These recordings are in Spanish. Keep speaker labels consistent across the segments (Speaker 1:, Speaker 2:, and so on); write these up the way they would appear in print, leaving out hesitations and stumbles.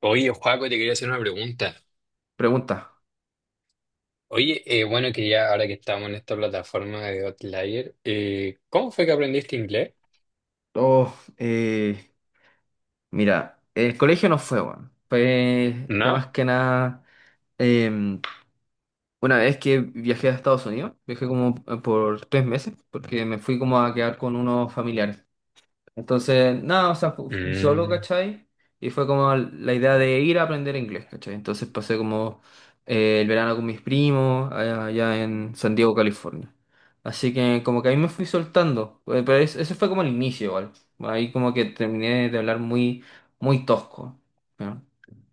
Speaker 1: Oye, Joaco, te quería hacer una pregunta.
Speaker 2: Pregunta.
Speaker 1: Oye, bueno, que ya ahora que estamos en esta plataforma de Outlier, ¿cómo fue que aprendiste inglés?
Speaker 2: Oh, mira, el colegio no fue, weón. Fue más
Speaker 1: No.
Speaker 2: que nada. em, una vez que viajé a Estados Unidos, viajé como por 3 meses, porque me fui como a quedar con unos familiares. Entonces, nada, o sea, fui solo,
Speaker 1: Mm,
Speaker 2: ¿cachai? Y fue como la idea de ir a aprender inglés, ¿cachai? Entonces pasé como el verano con mis primos allá, allá en San Diego, California. Así que como que ahí me fui soltando, pero ese fue como el inicio igual. Ahí como que terminé de hablar muy, muy tosco. ¿No?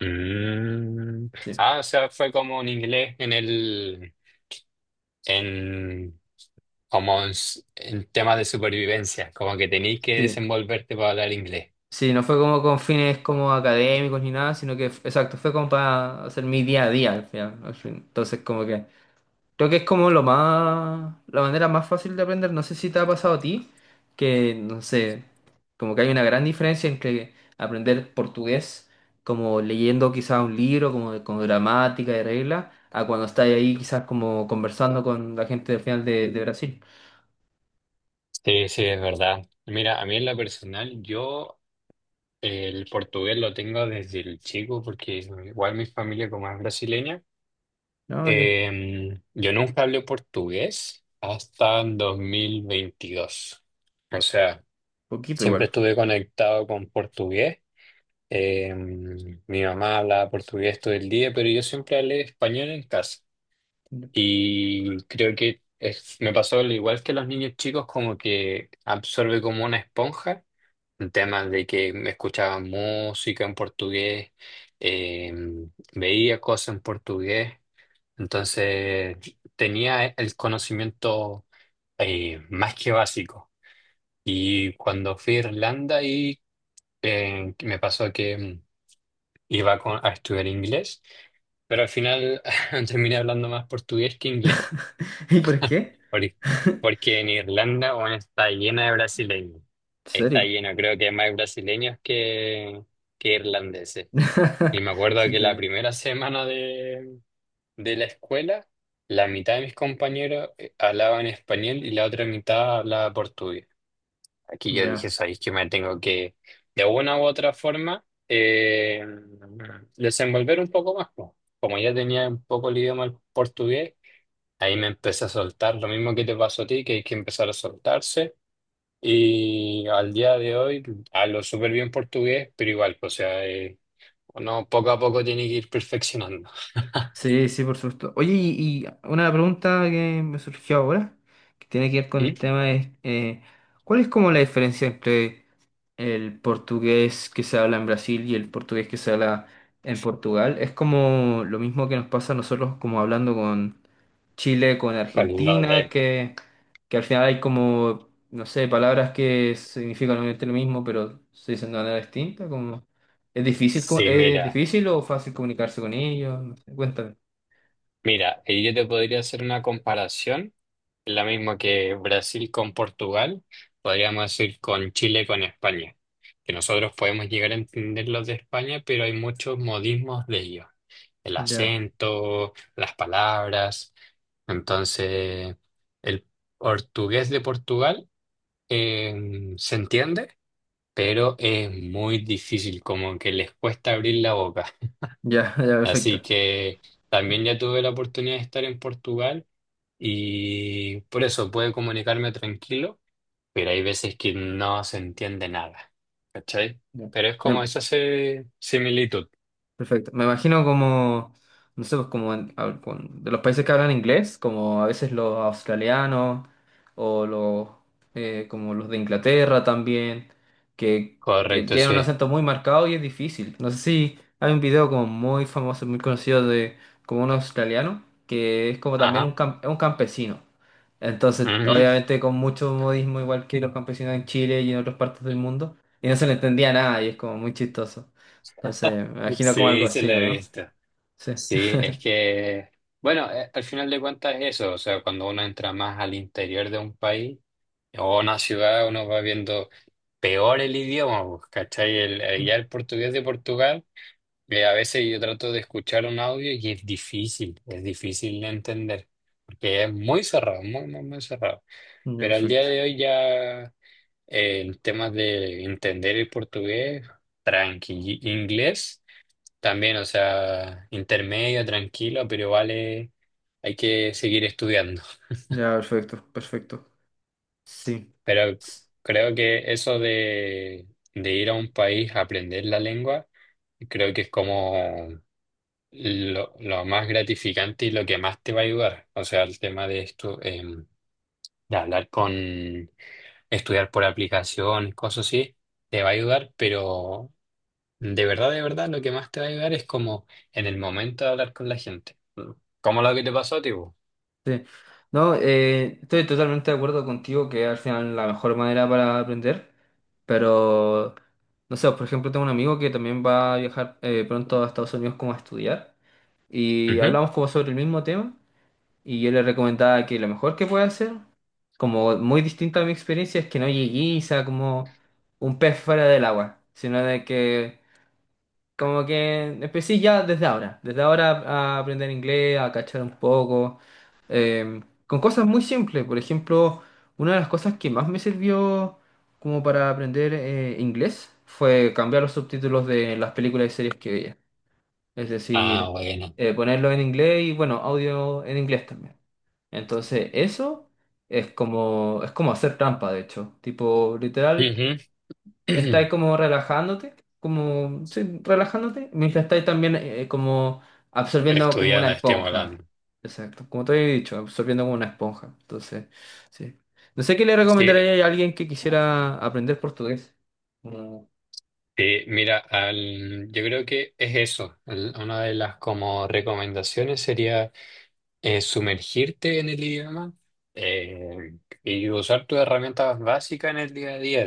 Speaker 1: mm.
Speaker 2: Sí,
Speaker 1: Ah, o sea, fue como un inglés en el, en, como en, s- en temas de supervivencia, como que tenéis que
Speaker 2: sí.
Speaker 1: desenvolverte para hablar inglés.
Speaker 2: Sí, no fue como con fines como académicos ni nada, sino que, exacto, fue como para hacer mi día a día al final, al fin. Entonces como que... Creo que es como lo más, la manera más fácil de aprender. No sé si te ha pasado a ti, que no sé, como que hay una gran diferencia entre aprender portugués, como leyendo quizás un libro, como con gramática y reglas, a cuando estás ahí quizás como conversando con la gente del final de Brasil.
Speaker 1: Sí, sí, es verdad. Mira, a mí en la personal, yo el portugués lo tengo desde el chico, porque igual mi familia como es brasileña.
Speaker 2: No, ya,
Speaker 1: Yo nunca hablé portugués hasta 2022. O sea,
Speaker 2: poquito
Speaker 1: siempre
Speaker 2: igual.
Speaker 1: estuve conectado con portugués. Mi mamá hablaba portugués todo el día, pero yo siempre hablé español en casa. Y creo que es- me pasó al igual que los niños chicos, como que absorbe como una esponja. En temas de que me escuchaba música en portugués, veía cosas en portugués. Entonces tenía el conocimiento más que básico. Y cuando fui a Irlanda y me pasó que iba con- a estudiar inglés, pero al final terminé hablando más portugués que inglés,
Speaker 2: ¿Y por qué?
Speaker 1: porque
Speaker 2: ¿En
Speaker 1: porque en Irlanda bueno, está llena de brasileños. Está
Speaker 2: serio?
Speaker 1: lleno, creo que hay más brasileños que irlandeses. Y me acuerdo que
Speaker 2: Siento
Speaker 1: la
Speaker 2: que...
Speaker 1: primera semana de la escuela, la mitad de mis compañeros hablaban español y la otra mitad hablaba portugués. Aquí yo
Speaker 2: Ya.
Speaker 1: dije, sabéis que me tengo que, de una u otra forma, desenvolver un poco más. Po". Como ya tenía un poco el idioma el portugués, ahí me empecé a soltar, lo mismo que te pasó a ti, que hay que empezar a soltarse. Y al día de hoy hablo súper bien portugués, pero igual, o sea, uno poco a poco tiene que ir perfeccionando.
Speaker 2: Sí, sí, por supuesto. Oye, y una pregunta que me surgió ahora, que tiene que ver con
Speaker 1: ¿Mm?
Speaker 2: el tema es, ¿cuál es como la diferencia entre el portugués que se habla en Brasil y el portugués que se habla en Portugal? Es como lo mismo que nos pasa a nosotros como hablando con Chile, con
Speaker 1: Con lo
Speaker 2: Argentina,
Speaker 1: de...
Speaker 2: que al final hay como, no sé, palabras que significan obviamente lo mismo, pero se dicen de manera distinta, como... ¿Es difícil,
Speaker 1: Sí,
Speaker 2: es
Speaker 1: mira.
Speaker 2: difícil o fácil comunicarse con ellos? No sé, cuéntame.
Speaker 1: Mira, ahí yo te podría hacer una comparación, la misma que Brasil con Portugal, podríamos decir con Chile con España, que nosotros podemos llegar a entender los de España, pero hay muchos modismos de ellos, el
Speaker 2: Ya,
Speaker 1: acento, las palabras, entonces el portugués de Portugal se entiende, pero es muy difícil, como que les cuesta abrir la boca.
Speaker 2: ya, ya,
Speaker 1: Así
Speaker 2: perfecto.
Speaker 1: que
Speaker 2: Ya,
Speaker 1: también ya tuve la oportunidad de estar en Portugal y por eso puedo comunicarme tranquilo, pero hay veces que no se entiende nada, ¿cachai?
Speaker 2: ya.
Speaker 1: Pero es como
Speaker 2: Me,
Speaker 1: esa se- similitud.
Speaker 2: perfecto. Me imagino como, no sé, pues como de los países que hablan inglés, como a veces los australianos o los como los de Inglaterra también, que, que
Speaker 1: Correcto,
Speaker 2: tienen un
Speaker 1: sí.
Speaker 2: acento muy marcado y es difícil. No sé si hay un video como muy famoso, muy conocido de como un australiano que es como también un,
Speaker 1: Ajá.
Speaker 2: es un campesino. Entonces,
Speaker 1: Ujú.
Speaker 2: obviamente con mucho modismo, igual que los campesinos en Chile y en otras partes del mundo, y no se le entendía nada y es como muy chistoso. Entonces, me imagino como algo
Speaker 1: Sí, se
Speaker 2: así,
Speaker 1: la
Speaker 2: ¿o
Speaker 1: he
Speaker 2: no?
Speaker 1: visto.
Speaker 2: Sí.
Speaker 1: Sí, es que, bueno, al final de cuentas es eso, o sea, cuando uno entra más al interior de un país o una ciudad uno va viendo peor el idioma, pues, ¿cachai? El- ya el portugués de Portugal, a veces yo trato de escuchar un audio y es difícil de entender, porque es muy cerrado, muy, muy, muy cerrado.
Speaker 2: Ya,
Speaker 1: Pero al día
Speaker 2: perfecto.
Speaker 1: de hoy ya en temas de entender el portugués, tranqui, inglés también, o sea, intermedio, tranquilo, pero vale, hay que seguir estudiando.
Speaker 2: Ya, perfecto, perfecto. Sí.
Speaker 1: Pero
Speaker 2: S-
Speaker 1: creo que eso de ir a un país a aprender la lengua, creo que es como lo más gratificante y lo que más te va a ayudar. O sea, el tema de esto, de hablar con, estudiar por aplicación cosas así, te va a ayudar, pero de verdad, lo que más te va a ayudar es como en el momento de hablar con la gente. Como lo que te pasó, tipo.
Speaker 2: Sí. No, estoy totalmente de acuerdo contigo que al final la mejor manera para aprender, pero no sé, por ejemplo, tengo un amigo que también va a viajar pronto a Estados Unidos como a estudiar y hablamos como sobre el mismo tema. Y yo le recomendaba que lo mejor que puede hacer, como muy distinto a mi experiencia, es que no llegué y sea como un pez fuera del agua, sino de que como que empecé ya desde ahora a aprender inglés, a cachar un poco, eh, con cosas muy simples. Por ejemplo, una de las cosas que más me sirvió como para aprender inglés fue cambiar los subtítulos de las películas y series que veía. Es
Speaker 1: Ah,
Speaker 2: decir,
Speaker 1: bueno.
Speaker 2: ponerlo en inglés y bueno, audio en inglés también. Entonces, eso es como hacer trampa, de hecho. Tipo, literal,
Speaker 1: Ujú.
Speaker 2: estáis como relajándote, como, sí, relajándote, mientras estáis también como absorbiendo como una
Speaker 1: Estudiando,
Speaker 2: esponja.
Speaker 1: estimulando.
Speaker 2: Exacto, como te había dicho, absorbiendo como una esponja. Entonces, sí. No sé qué le
Speaker 1: Sí,
Speaker 2: recomendaría a alguien que quisiera aprender portugués. Mm,
Speaker 1: sí, mira, al- yo creo que es eso. El- una de las como recomendaciones sería sumergirte en el idioma eh, y usar tus herramientas básicas en el día a día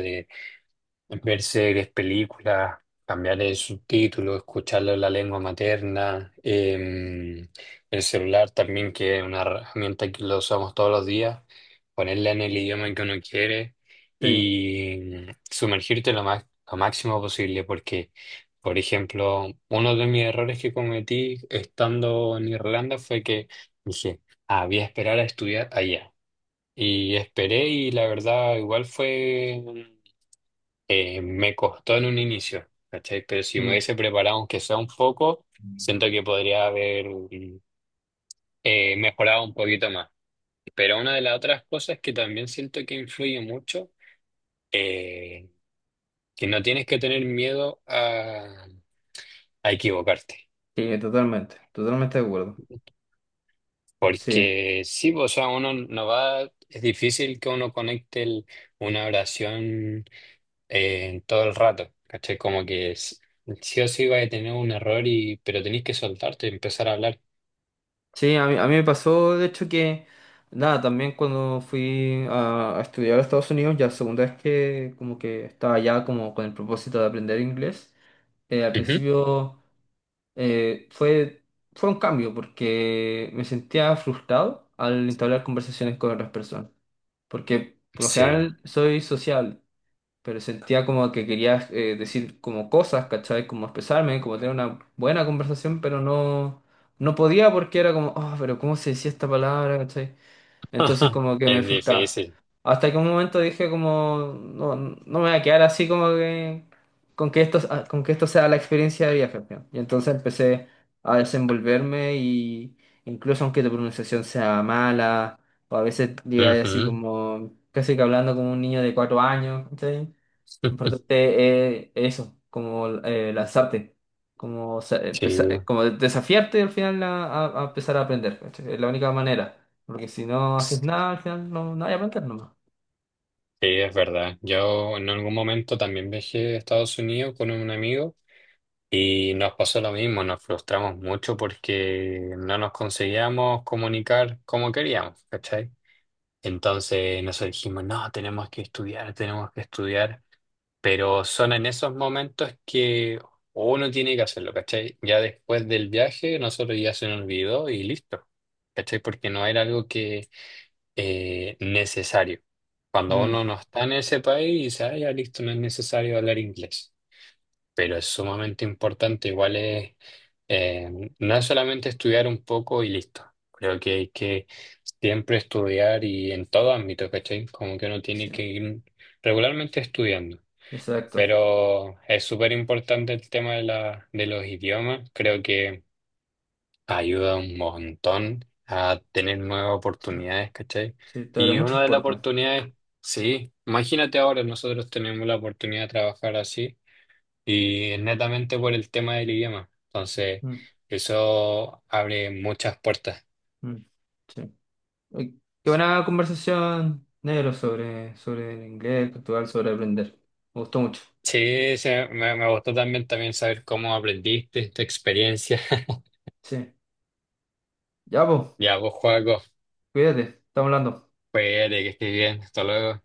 Speaker 1: ver series, películas, cambiar el subtítulo, escucharlo en la lengua materna, el celular también, que es una herramienta que lo usamos todos los días, ponerla en el idioma que uno quiere
Speaker 2: sí,
Speaker 1: y sumergirte lo más, lo máximo posible, porque, por ejemplo, uno de mis errores que cometí estando en Irlanda fue que dije, ah, voy a esperar a estudiar allá. Y esperé y la verdad igual fue me costó en un inicio, ¿cachai? Pero si me
Speaker 2: mm,
Speaker 1: hubiese preparado, aunque sea un poco, siento que podría haber mejorado un poquito más. Pero una de las otras cosas que también siento que influye mucho, eh, que no tienes que tener miedo a equivocarte.
Speaker 2: sí, totalmente, totalmente de acuerdo. Sí.
Speaker 1: Porque sí, pues, o sea, uno no va, es difícil que uno conecte el- una oración todo el rato, ¿cachai? Como que es, sí o sí va a tener un error y pero tenéis que soltarte y empezar a hablar.
Speaker 2: Sí, a mí me pasó, de hecho, que nada, también cuando fui a estudiar a Estados Unidos, ya la segunda vez que como que estaba ya como con el propósito de aprender inglés, al
Speaker 1: Ujú.
Speaker 2: principio fue, fue un cambio porque me sentía frustrado al entablar conversaciones con otras personas, porque por lo
Speaker 1: Sí.
Speaker 2: general soy social pero sentía como que quería decir como cosas, ¿cachai? Como expresarme, como tener una buena conversación, pero no, no podía porque era como, oh, pero ¿cómo se decía esta palabra, ¿cachai? Entonces como que me
Speaker 1: Es
Speaker 2: frustraba.
Speaker 1: difícil.
Speaker 2: Hasta que un momento dije como, no, no me voy a quedar así como que, con que esto, ah, con que esto sea la experiencia de viaje. ¿No? Y entonces empecé a desenvolverme y incluso aunque tu pronunciación sea mala, o a veces digáis así
Speaker 1: Ujú.
Speaker 2: como, casi que hablando como un niño de 4 años, ¿cachai? Importante eso, como lanzarte, como,
Speaker 1: Sí,
Speaker 2: como desafiarte al final a, a empezar a aprender. ¿Cachai? Es la única manera, porque si no haces
Speaker 1: sí,
Speaker 2: nada, al final no, no hay aprender nomás.
Speaker 1: es verdad. Yo en algún momento también viajé a Estados Unidos con un amigo y nos pasó lo mismo, nos frustramos mucho porque no nos conseguíamos comunicar como queríamos, ¿cachai? Entonces nosotros dijimos, no, tenemos que estudiar, tenemos que estudiar. Pero son en esos momentos que uno tiene que hacerlo, ¿cachai? Ya después del viaje, nosotros ya se nos olvidó y listo, ¿cachai? Porque no era algo que necesario. Cuando
Speaker 2: Mm,
Speaker 1: uno no está en ese país, dice, ah, ya listo, no es necesario hablar inglés. Pero es sumamente importante, igual es, eh, no es solamente estudiar un poco y listo. Creo que hay que siempre estudiar y en todo ámbito, ¿cachai? Como que uno tiene
Speaker 2: sí,
Speaker 1: que ir regularmente estudiando.
Speaker 2: exacto.
Speaker 1: Pero es súper importante el tema de la, de los idiomas. Creo que ayuda un montón a tener nuevas
Speaker 2: Sí,
Speaker 1: oportunidades, ¿cachai?
Speaker 2: sí, te abre
Speaker 1: Y
Speaker 2: muchas
Speaker 1: una de las
Speaker 2: puertas.
Speaker 1: oportunidades, sí, imagínate ahora, nosotros tenemos la oportunidad de trabajar así y es netamente por el tema del idioma. Entonces,
Speaker 2: Mm,
Speaker 1: eso abre muchas puertas.
Speaker 2: mm, sí. Uy, qué buena conversación, negro, sobre, sobre el inglés, Portugal, sobre aprender. Me gustó mucho.
Speaker 1: Sí, sí, me gustó también, también saber cómo aprendiste esta experiencia.
Speaker 2: Sí, ya, pues,
Speaker 1: Ya vos, Joaco,
Speaker 2: cuídate, estamos hablando.
Speaker 1: pues que estés bien. Hasta luego.